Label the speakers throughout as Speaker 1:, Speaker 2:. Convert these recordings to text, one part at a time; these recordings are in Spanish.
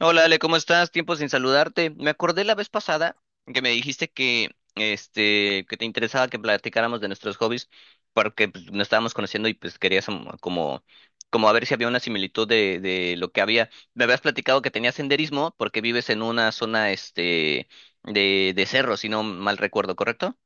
Speaker 1: Hola Ale, ¿cómo estás? Tiempo sin saludarte. Me acordé la vez pasada que me dijiste que, que te interesaba que platicáramos de nuestros hobbies porque pues, nos estábamos conociendo y pues querías como, como a ver si había una similitud de lo que había. Me habías platicado que tenías senderismo porque vives en una zona de cerro, si no mal recuerdo, ¿correcto?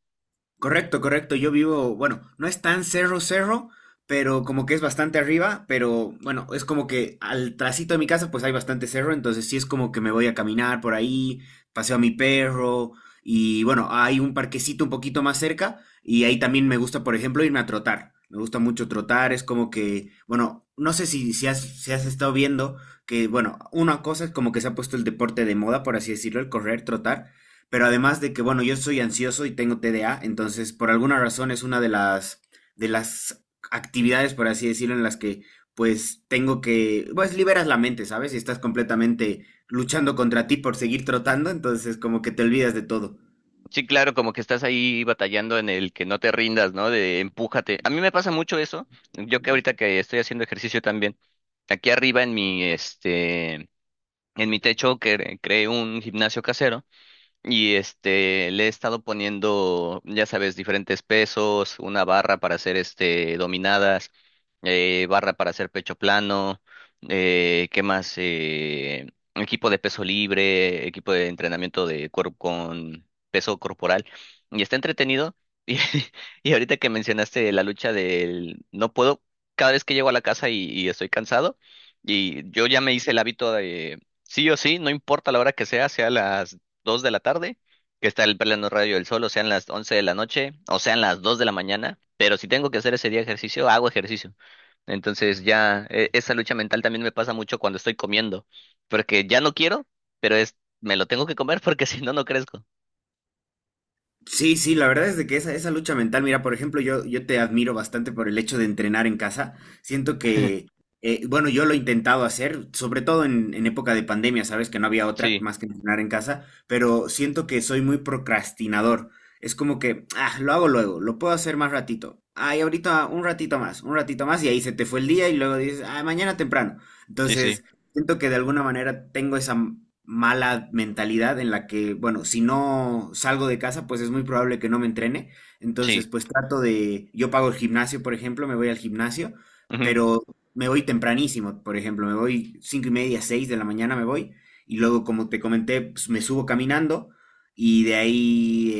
Speaker 2: Correcto, correcto. Yo vivo, bueno, no es tan cerro cerro, pero como que es bastante arriba. Pero bueno, es como que al trasito de mi casa pues hay bastante cerro, entonces sí es como que me voy a caminar por ahí, paseo a mi perro. Y bueno, hay un parquecito un poquito más cerca y ahí también me gusta, por ejemplo, irme a trotar. Me gusta mucho trotar. Es como que, bueno, no sé si has estado viendo que, bueno, una cosa es como que se ha puesto el deporte de moda, por así decirlo, el correr, trotar. Pero además de que, bueno, yo soy ansioso y tengo TDA, entonces por alguna razón es una de las actividades, por así decirlo, en las que pues tengo que, pues liberas la mente, ¿sabes? Y estás completamente luchando contra ti por seguir trotando, entonces como que te olvidas de todo.
Speaker 1: Sí, claro, como que estás ahí batallando en el que no te rindas, ¿no? De empújate. A mí me pasa mucho eso. Yo que ahorita que estoy haciendo ejercicio también. Aquí arriba en mi, en mi techo que creé un gimnasio casero. Y le he estado poniendo, ya sabes, diferentes pesos, una barra para hacer este dominadas, barra para hacer pecho plano, ¿qué más? Equipo de peso libre, equipo de entrenamiento de cuerpo con peso corporal. Y está entretenido. Y, y ahorita que mencionaste la lucha del no puedo, cada vez que llego a la casa y estoy cansado, y yo ya me hice el hábito de sí o sí, no importa la hora que sea, sea las 2 de la tarde, que está el pleno radio del sol, o sean las 11 de la noche, o sean las 2 de la mañana, pero si tengo que hacer ese día ejercicio, hago ejercicio. Entonces ya esa lucha mental también me pasa mucho cuando estoy comiendo, porque ya no quiero, pero es, me lo tengo que comer porque si no, no crezco.
Speaker 2: Sí, sí, la verdad es de que esa lucha mental, mira, por ejemplo, yo te admiro bastante por el hecho de entrenar en casa. Siento que, bueno, yo lo he intentado hacer, sobre todo en época de pandemia, sabes que no había otra
Speaker 1: Sí,
Speaker 2: más que entrenar en casa, pero siento que soy muy procrastinador. Es como que, ah, lo hago luego, lo puedo hacer más ratito. Ay, ahorita un ratito más, y ahí se te fue el día y luego dices, ah, mañana temprano.
Speaker 1: sí, sí,
Speaker 2: Entonces, siento que de alguna manera tengo esa mala mentalidad en la que, bueno, si no salgo de casa, pues es muy probable que no me entrene. Entonces,
Speaker 1: sí.
Speaker 2: pues trato de, yo pago el gimnasio, por ejemplo, me voy al gimnasio,
Speaker 1: Ujú.
Speaker 2: pero me voy tempranísimo. Por ejemplo, me voy 5:30, 6 de la mañana me voy, y luego, como te comenté, pues me subo caminando. Y de ahí,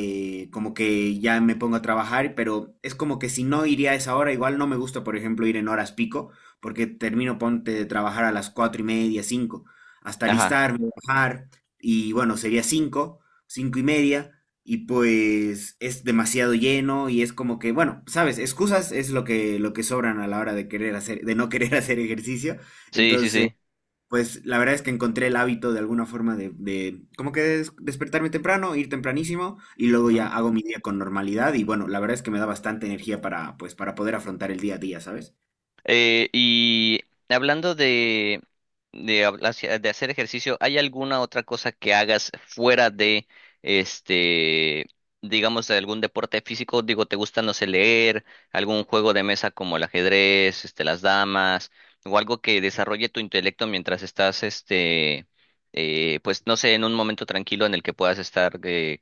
Speaker 2: como que ya me pongo a trabajar, pero es como que si no iría a esa hora. Igual no me gusta, por ejemplo, ir en horas pico, porque termino, ponte, de trabajar a las 4:30, cinco, hasta
Speaker 1: Ajá,
Speaker 2: alistarme, bajar, y bueno, sería cinco, 5:30, y pues es demasiado lleno. Y es como que, bueno, sabes, excusas es lo que sobran a la hora de querer hacer, de no querer hacer ejercicio.
Speaker 1: sí, sí,
Speaker 2: Entonces,
Speaker 1: sí.
Speaker 2: pues la verdad es que encontré el hábito de alguna forma de como que despertarme temprano, ir tempranísimo, y luego ya hago mi día con normalidad, y bueno, la verdad es que me da bastante energía para, pues, para poder afrontar el día a día, ¿sabes?
Speaker 1: Y hablando de hacer ejercicio, ¿hay alguna otra cosa que hagas fuera de este, digamos, de algún deporte físico? Digo, ¿te gusta, no sé, leer, algún juego de mesa como el ajedrez, las damas, o algo que desarrolle tu intelecto mientras estás, pues, no sé, en un momento tranquilo en el que puedas estar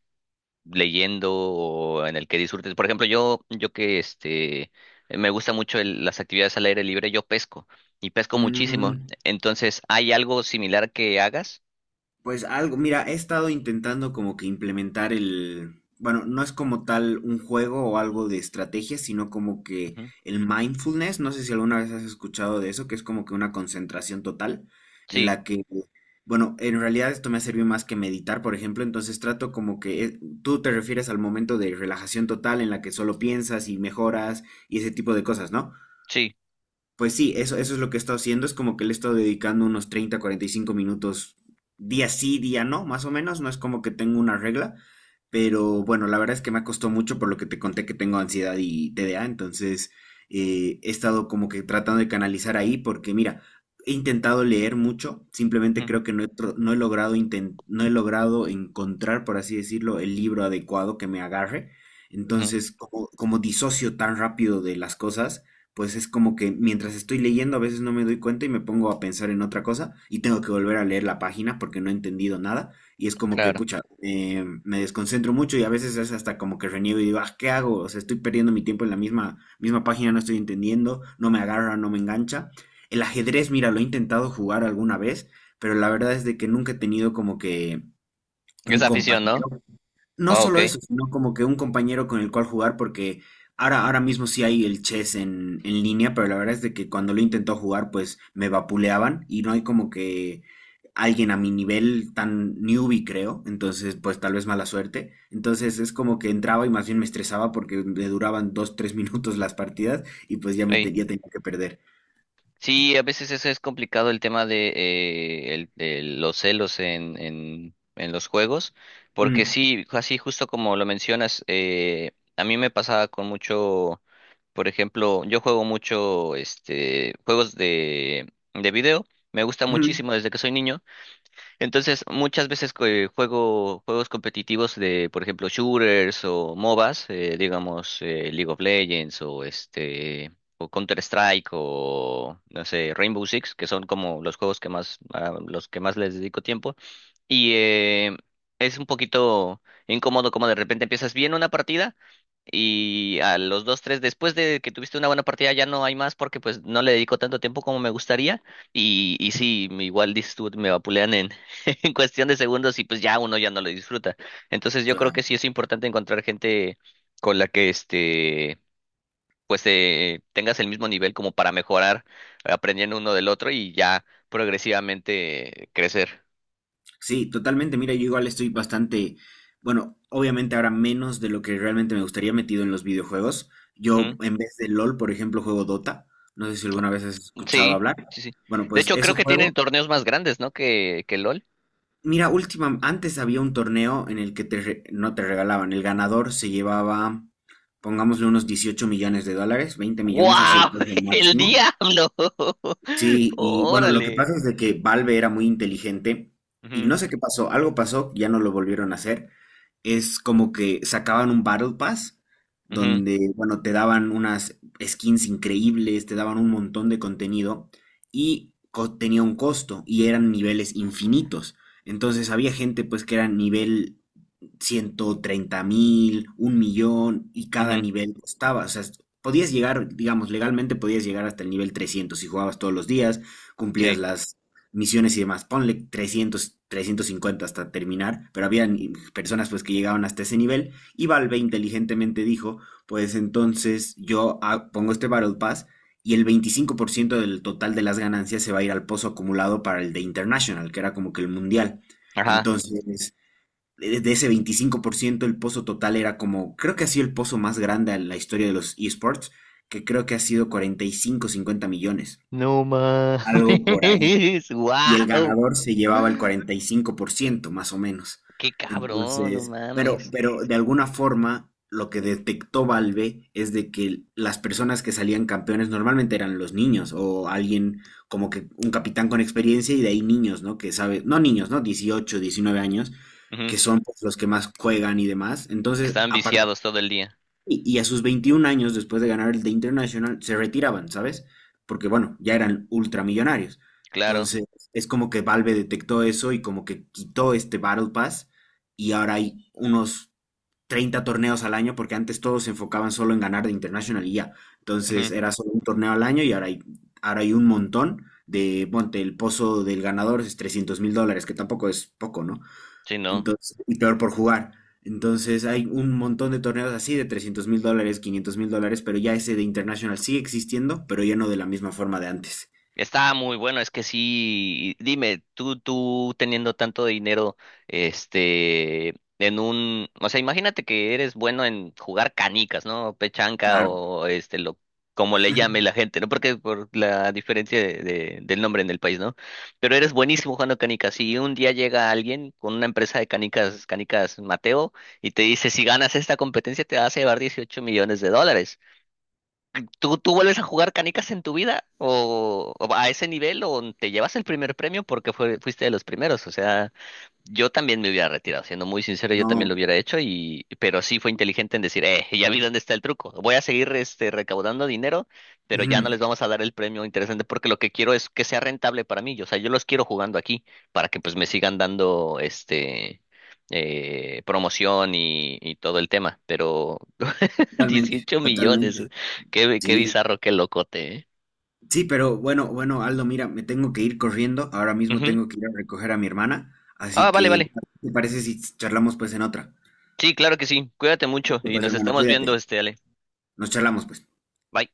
Speaker 1: leyendo o en el que disfrutes? Por ejemplo, yo que me gusta mucho las actividades al aire libre, yo pesco y pesco muchísimo.
Speaker 2: Mm.
Speaker 1: Entonces, ¿hay algo similar que hagas?
Speaker 2: Pues algo, mira, he estado intentando como que implementar el, bueno, no es como tal un juego o algo de estrategia, sino como que
Speaker 1: Ujú.
Speaker 2: el mindfulness. No sé si alguna vez has escuchado de eso, que es como que una concentración total, en
Speaker 1: Sí,
Speaker 2: la que, bueno, en realidad esto me ha servido más que meditar, por ejemplo. Entonces trato como que, tú te refieres al momento de relajación total en la que solo piensas y mejoras y ese tipo de cosas, ¿no?
Speaker 1: sí,
Speaker 2: Pues sí, eso es lo que he estado haciendo. Es como que le he estado dedicando unos 30, 45 minutos día sí, día no, más o menos. No es como que tengo una regla. Pero bueno, la verdad es que me costado mucho por lo que te conté que tengo ansiedad y TDA. Entonces, he estado como que tratando de canalizar ahí, porque mira, he intentado leer mucho.
Speaker 1: ujú,
Speaker 2: Simplemente creo que no he, no he logrado no he logrado encontrar, por así decirlo, el libro adecuado que me agarre.
Speaker 1: ujú,
Speaker 2: Entonces, como disocio tan rápido de las cosas, pues es como que mientras estoy leyendo a veces no me doy cuenta y me pongo a pensar en otra cosa y tengo que volver a leer la página porque no he entendido nada. Y es como que,
Speaker 1: claro.
Speaker 2: pucha, me desconcentro mucho, y a veces es hasta como que reniego y digo, ah, ¿qué hago? O sea, estoy perdiendo mi tiempo en la misma, misma página, no estoy entendiendo, no me agarra, no me engancha. El ajedrez, mira, lo he intentado jugar alguna vez, pero la verdad es de que nunca he tenido como que un
Speaker 1: Es afición, ¿no?
Speaker 2: compañero, no
Speaker 1: Ah, ok.
Speaker 2: solo eso, sino como que un compañero con el cual jugar, porque ahora mismo sí hay el chess en línea. Pero la verdad es de que cuando lo intentó jugar, pues me vapuleaban y no hay como que alguien a mi nivel tan newbie, creo. Entonces, pues tal vez mala suerte. Entonces es como que entraba y más bien me estresaba porque le duraban dos, tres minutos las partidas y pues ya me
Speaker 1: Ey.
Speaker 2: ya tenía que perder.
Speaker 1: Sí, a veces eso es complicado el tema de, de los celos en los juegos, porque
Speaker 2: Mm,
Speaker 1: sí, así justo como lo mencionas, a mí me pasaba con mucho. Por ejemplo, yo juego mucho juegos de video. Me gusta
Speaker 2: ujú,
Speaker 1: muchísimo desde que soy niño. Entonces, muchas veces que juego juegos competitivos de, por ejemplo, shooters o MOBAs, digamos, League of Legends o este o Counter Strike o no sé, Rainbow Six, que son como los juegos que más a los que más les dedico tiempo y eh, es un poquito incómodo como de repente empiezas bien una partida y a los dos, tres después de que tuviste una buena partida ya no hay más porque pues no le dedico tanto tiempo como me gustaría. Y sí, igual dices tú, me vapulean en cuestión de segundos y pues ya uno ya no lo disfruta. Entonces yo creo que sí
Speaker 2: claro.
Speaker 1: es importante encontrar gente con la que pues tengas el mismo nivel como para mejorar aprendiendo uno del otro y ya progresivamente crecer.
Speaker 2: Sí, totalmente. Mira, yo igual estoy bastante, bueno, obviamente ahora menos de lo que realmente me gustaría metido en los videojuegos. Yo
Speaker 1: Ujú.
Speaker 2: en vez de LOL, por ejemplo, juego Dota. No sé si alguna vez has escuchado
Speaker 1: Sí,
Speaker 2: hablar.
Speaker 1: sí, sí.
Speaker 2: Bueno,
Speaker 1: De
Speaker 2: pues
Speaker 1: hecho creo
Speaker 2: eso
Speaker 1: que tienen
Speaker 2: juego.
Speaker 1: torneos más grandes, ¿no? que LOL.
Speaker 2: Mira, última, antes había un torneo en el que te no te regalaban. El ganador se llevaba, pongámosle, unos 18 millones de dólares. 20 millones ha sido el
Speaker 1: ¡Wow!
Speaker 2: precio
Speaker 1: ¡El
Speaker 2: máximo.
Speaker 1: diablo!
Speaker 2: Sí, y bueno, lo que
Speaker 1: ¡Órale!
Speaker 2: pasa es de que Valve era muy inteligente y
Speaker 1: Ujú,
Speaker 2: no sé qué pasó, algo pasó, ya no lo volvieron a hacer. Es como que sacaban un Battle Pass
Speaker 1: ujú,
Speaker 2: donde, bueno, te daban unas skins increíbles, te daban un montón de contenido y tenía un costo y eran niveles infinitos. Entonces había gente pues que era nivel 130 mil, un millón, y cada
Speaker 1: ujú.
Speaker 2: nivel costaba. O sea, podías llegar, digamos, legalmente podías llegar hasta el nivel 300 si jugabas todos los días, cumplías
Speaker 1: Sí.
Speaker 2: las misiones y demás. Ponle 300, 350 hasta terminar. Pero había personas pues que llegaban hasta ese nivel, y Valve inteligentemente dijo, pues entonces yo, pongo este Battle Pass y el 25% del total de las ganancias se va a ir al pozo acumulado para el de International, que era como que el mundial.
Speaker 1: Ajá.
Speaker 2: Entonces, de ese 25%, el pozo total era como, creo que ha sido el pozo más grande en la historia de los esports, que creo que ha sido 45, 50 millones,
Speaker 1: No
Speaker 2: algo por ahí,
Speaker 1: mames,
Speaker 2: y el
Speaker 1: wow.
Speaker 2: ganador se llevaba el cuarenta y cinco por ciento más o menos.
Speaker 1: Qué cabrón, no
Speaker 2: Entonces, pero,
Speaker 1: mames.
Speaker 2: pero de alguna forma, lo que detectó Valve es de que las personas que salían campeones normalmente eran los niños o alguien como que un capitán con experiencia y de ahí niños, ¿no? Que sabe, no niños, ¿no?, 18, 19 años,
Speaker 1: Ujú,
Speaker 2: que son pues los que más juegan y demás.
Speaker 1: que
Speaker 2: Entonces,
Speaker 1: estaban
Speaker 2: a
Speaker 1: viciados todo el día.
Speaker 2: y, y a sus 21 años, después de ganar el The International, se retiraban, ¿sabes? Porque, bueno, ya eran ultramillonarios.
Speaker 1: Claro.
Speaker 2: Entonces, es como que Valve detectó eso y como que quitó este Battle Pass, y ahora hay unos 30 torneos al año, porque antes todos se enfocaban solo en ganar de International y ya. Entonces,
Speaker 1: Ujú.
Speaker 2: era solo un torneo al año, y ahora hay un montón de, ponte, el pozo del ganador es 300 mil dólares, que tampoco es poco, ¿no?
Speaker 1: Sí, no.
Speaker 2: Entonces, y peor por jugar. Entonces hay un montón de torneos así de 300 mil dólares, 500 mil dólares, pero ya ese de International sigue existiendo, pero ya no de la misma forma de antes.
Speaker 1: Está muy bueno, es que sí, dime, tú teniendo tanto dinero, en un, o sea, imagínate que eres bueno en jugar canicas, ¿no? Pechanca
Speaker 2: Claro,
Speaker 1: o este, lo, como le llame la gente, ¿no? Porque por la diferencia del nombre en el país, ¿no? Pero eres buenísimo jugando canicas y un día llega alguien con una empresa de canicas, canicas Mateo, y te dice, si ganas esta competencia te vas a llevar 18 millones de dólares. ¿Tú, tú vuelves a jugar canicas en tu vida? O a ese nivel? ¿O te llevas el primer premio porque fuiste de los primeros? O sea, yo también me hubiera retirado, siendo muy sincero, yo también lo
Speaker 2: no.
Speaker 1: hubiera hecho, y, pero sí fue inteligente en decir, ya vi dónde está el truco. Voy a seguir recaudando dinero, pero ya no
Speaker 2: Ujú.
Speaker 1: les vamos a dar el premio interesante porque lo que quiero es que sea rentable para mí. O sea, yo los quiero jugando aquí para que pues me sigan dando este... promoción y todo el tema, pero
Speaker 2: Totalmente,
Speaker 1: 18 millones. Eh.
Speaker 2: totalmente.
Speaker 1: Qué, qué
Speaker 2: Sí,
Speaker 1: bizarro, qué locote, ¿eh?
Speaker 2: sí. Pero bueno, bueno, Aldo, mira, me tengo que ir corriendo. Ahora mismo
Speaker 1: Ujú.
Speaker 2: tengo que ir a recoger a mi hermana.
Speaker 1: Ah,
Speaker 2: Así
Speaker 1: vale,
Speaker 2: que,
Speaker 1: vale.
Speaker 2: ¿te parece si charlamos pues en otra?
Speaker 1: Sí, claro que sí. Cuídate mucho
Speaker 2: Listo.
Speaker 1: y
Speaker 2: Pues,
Speaker 1: nos
Speaker 2: hermano,
Speaker 1: estamos
Speaker 2: cuídate.
Speaker 1: viendo, Ale.
Speaker 2: Nos charlamos pues.
Speaker 1: Bye.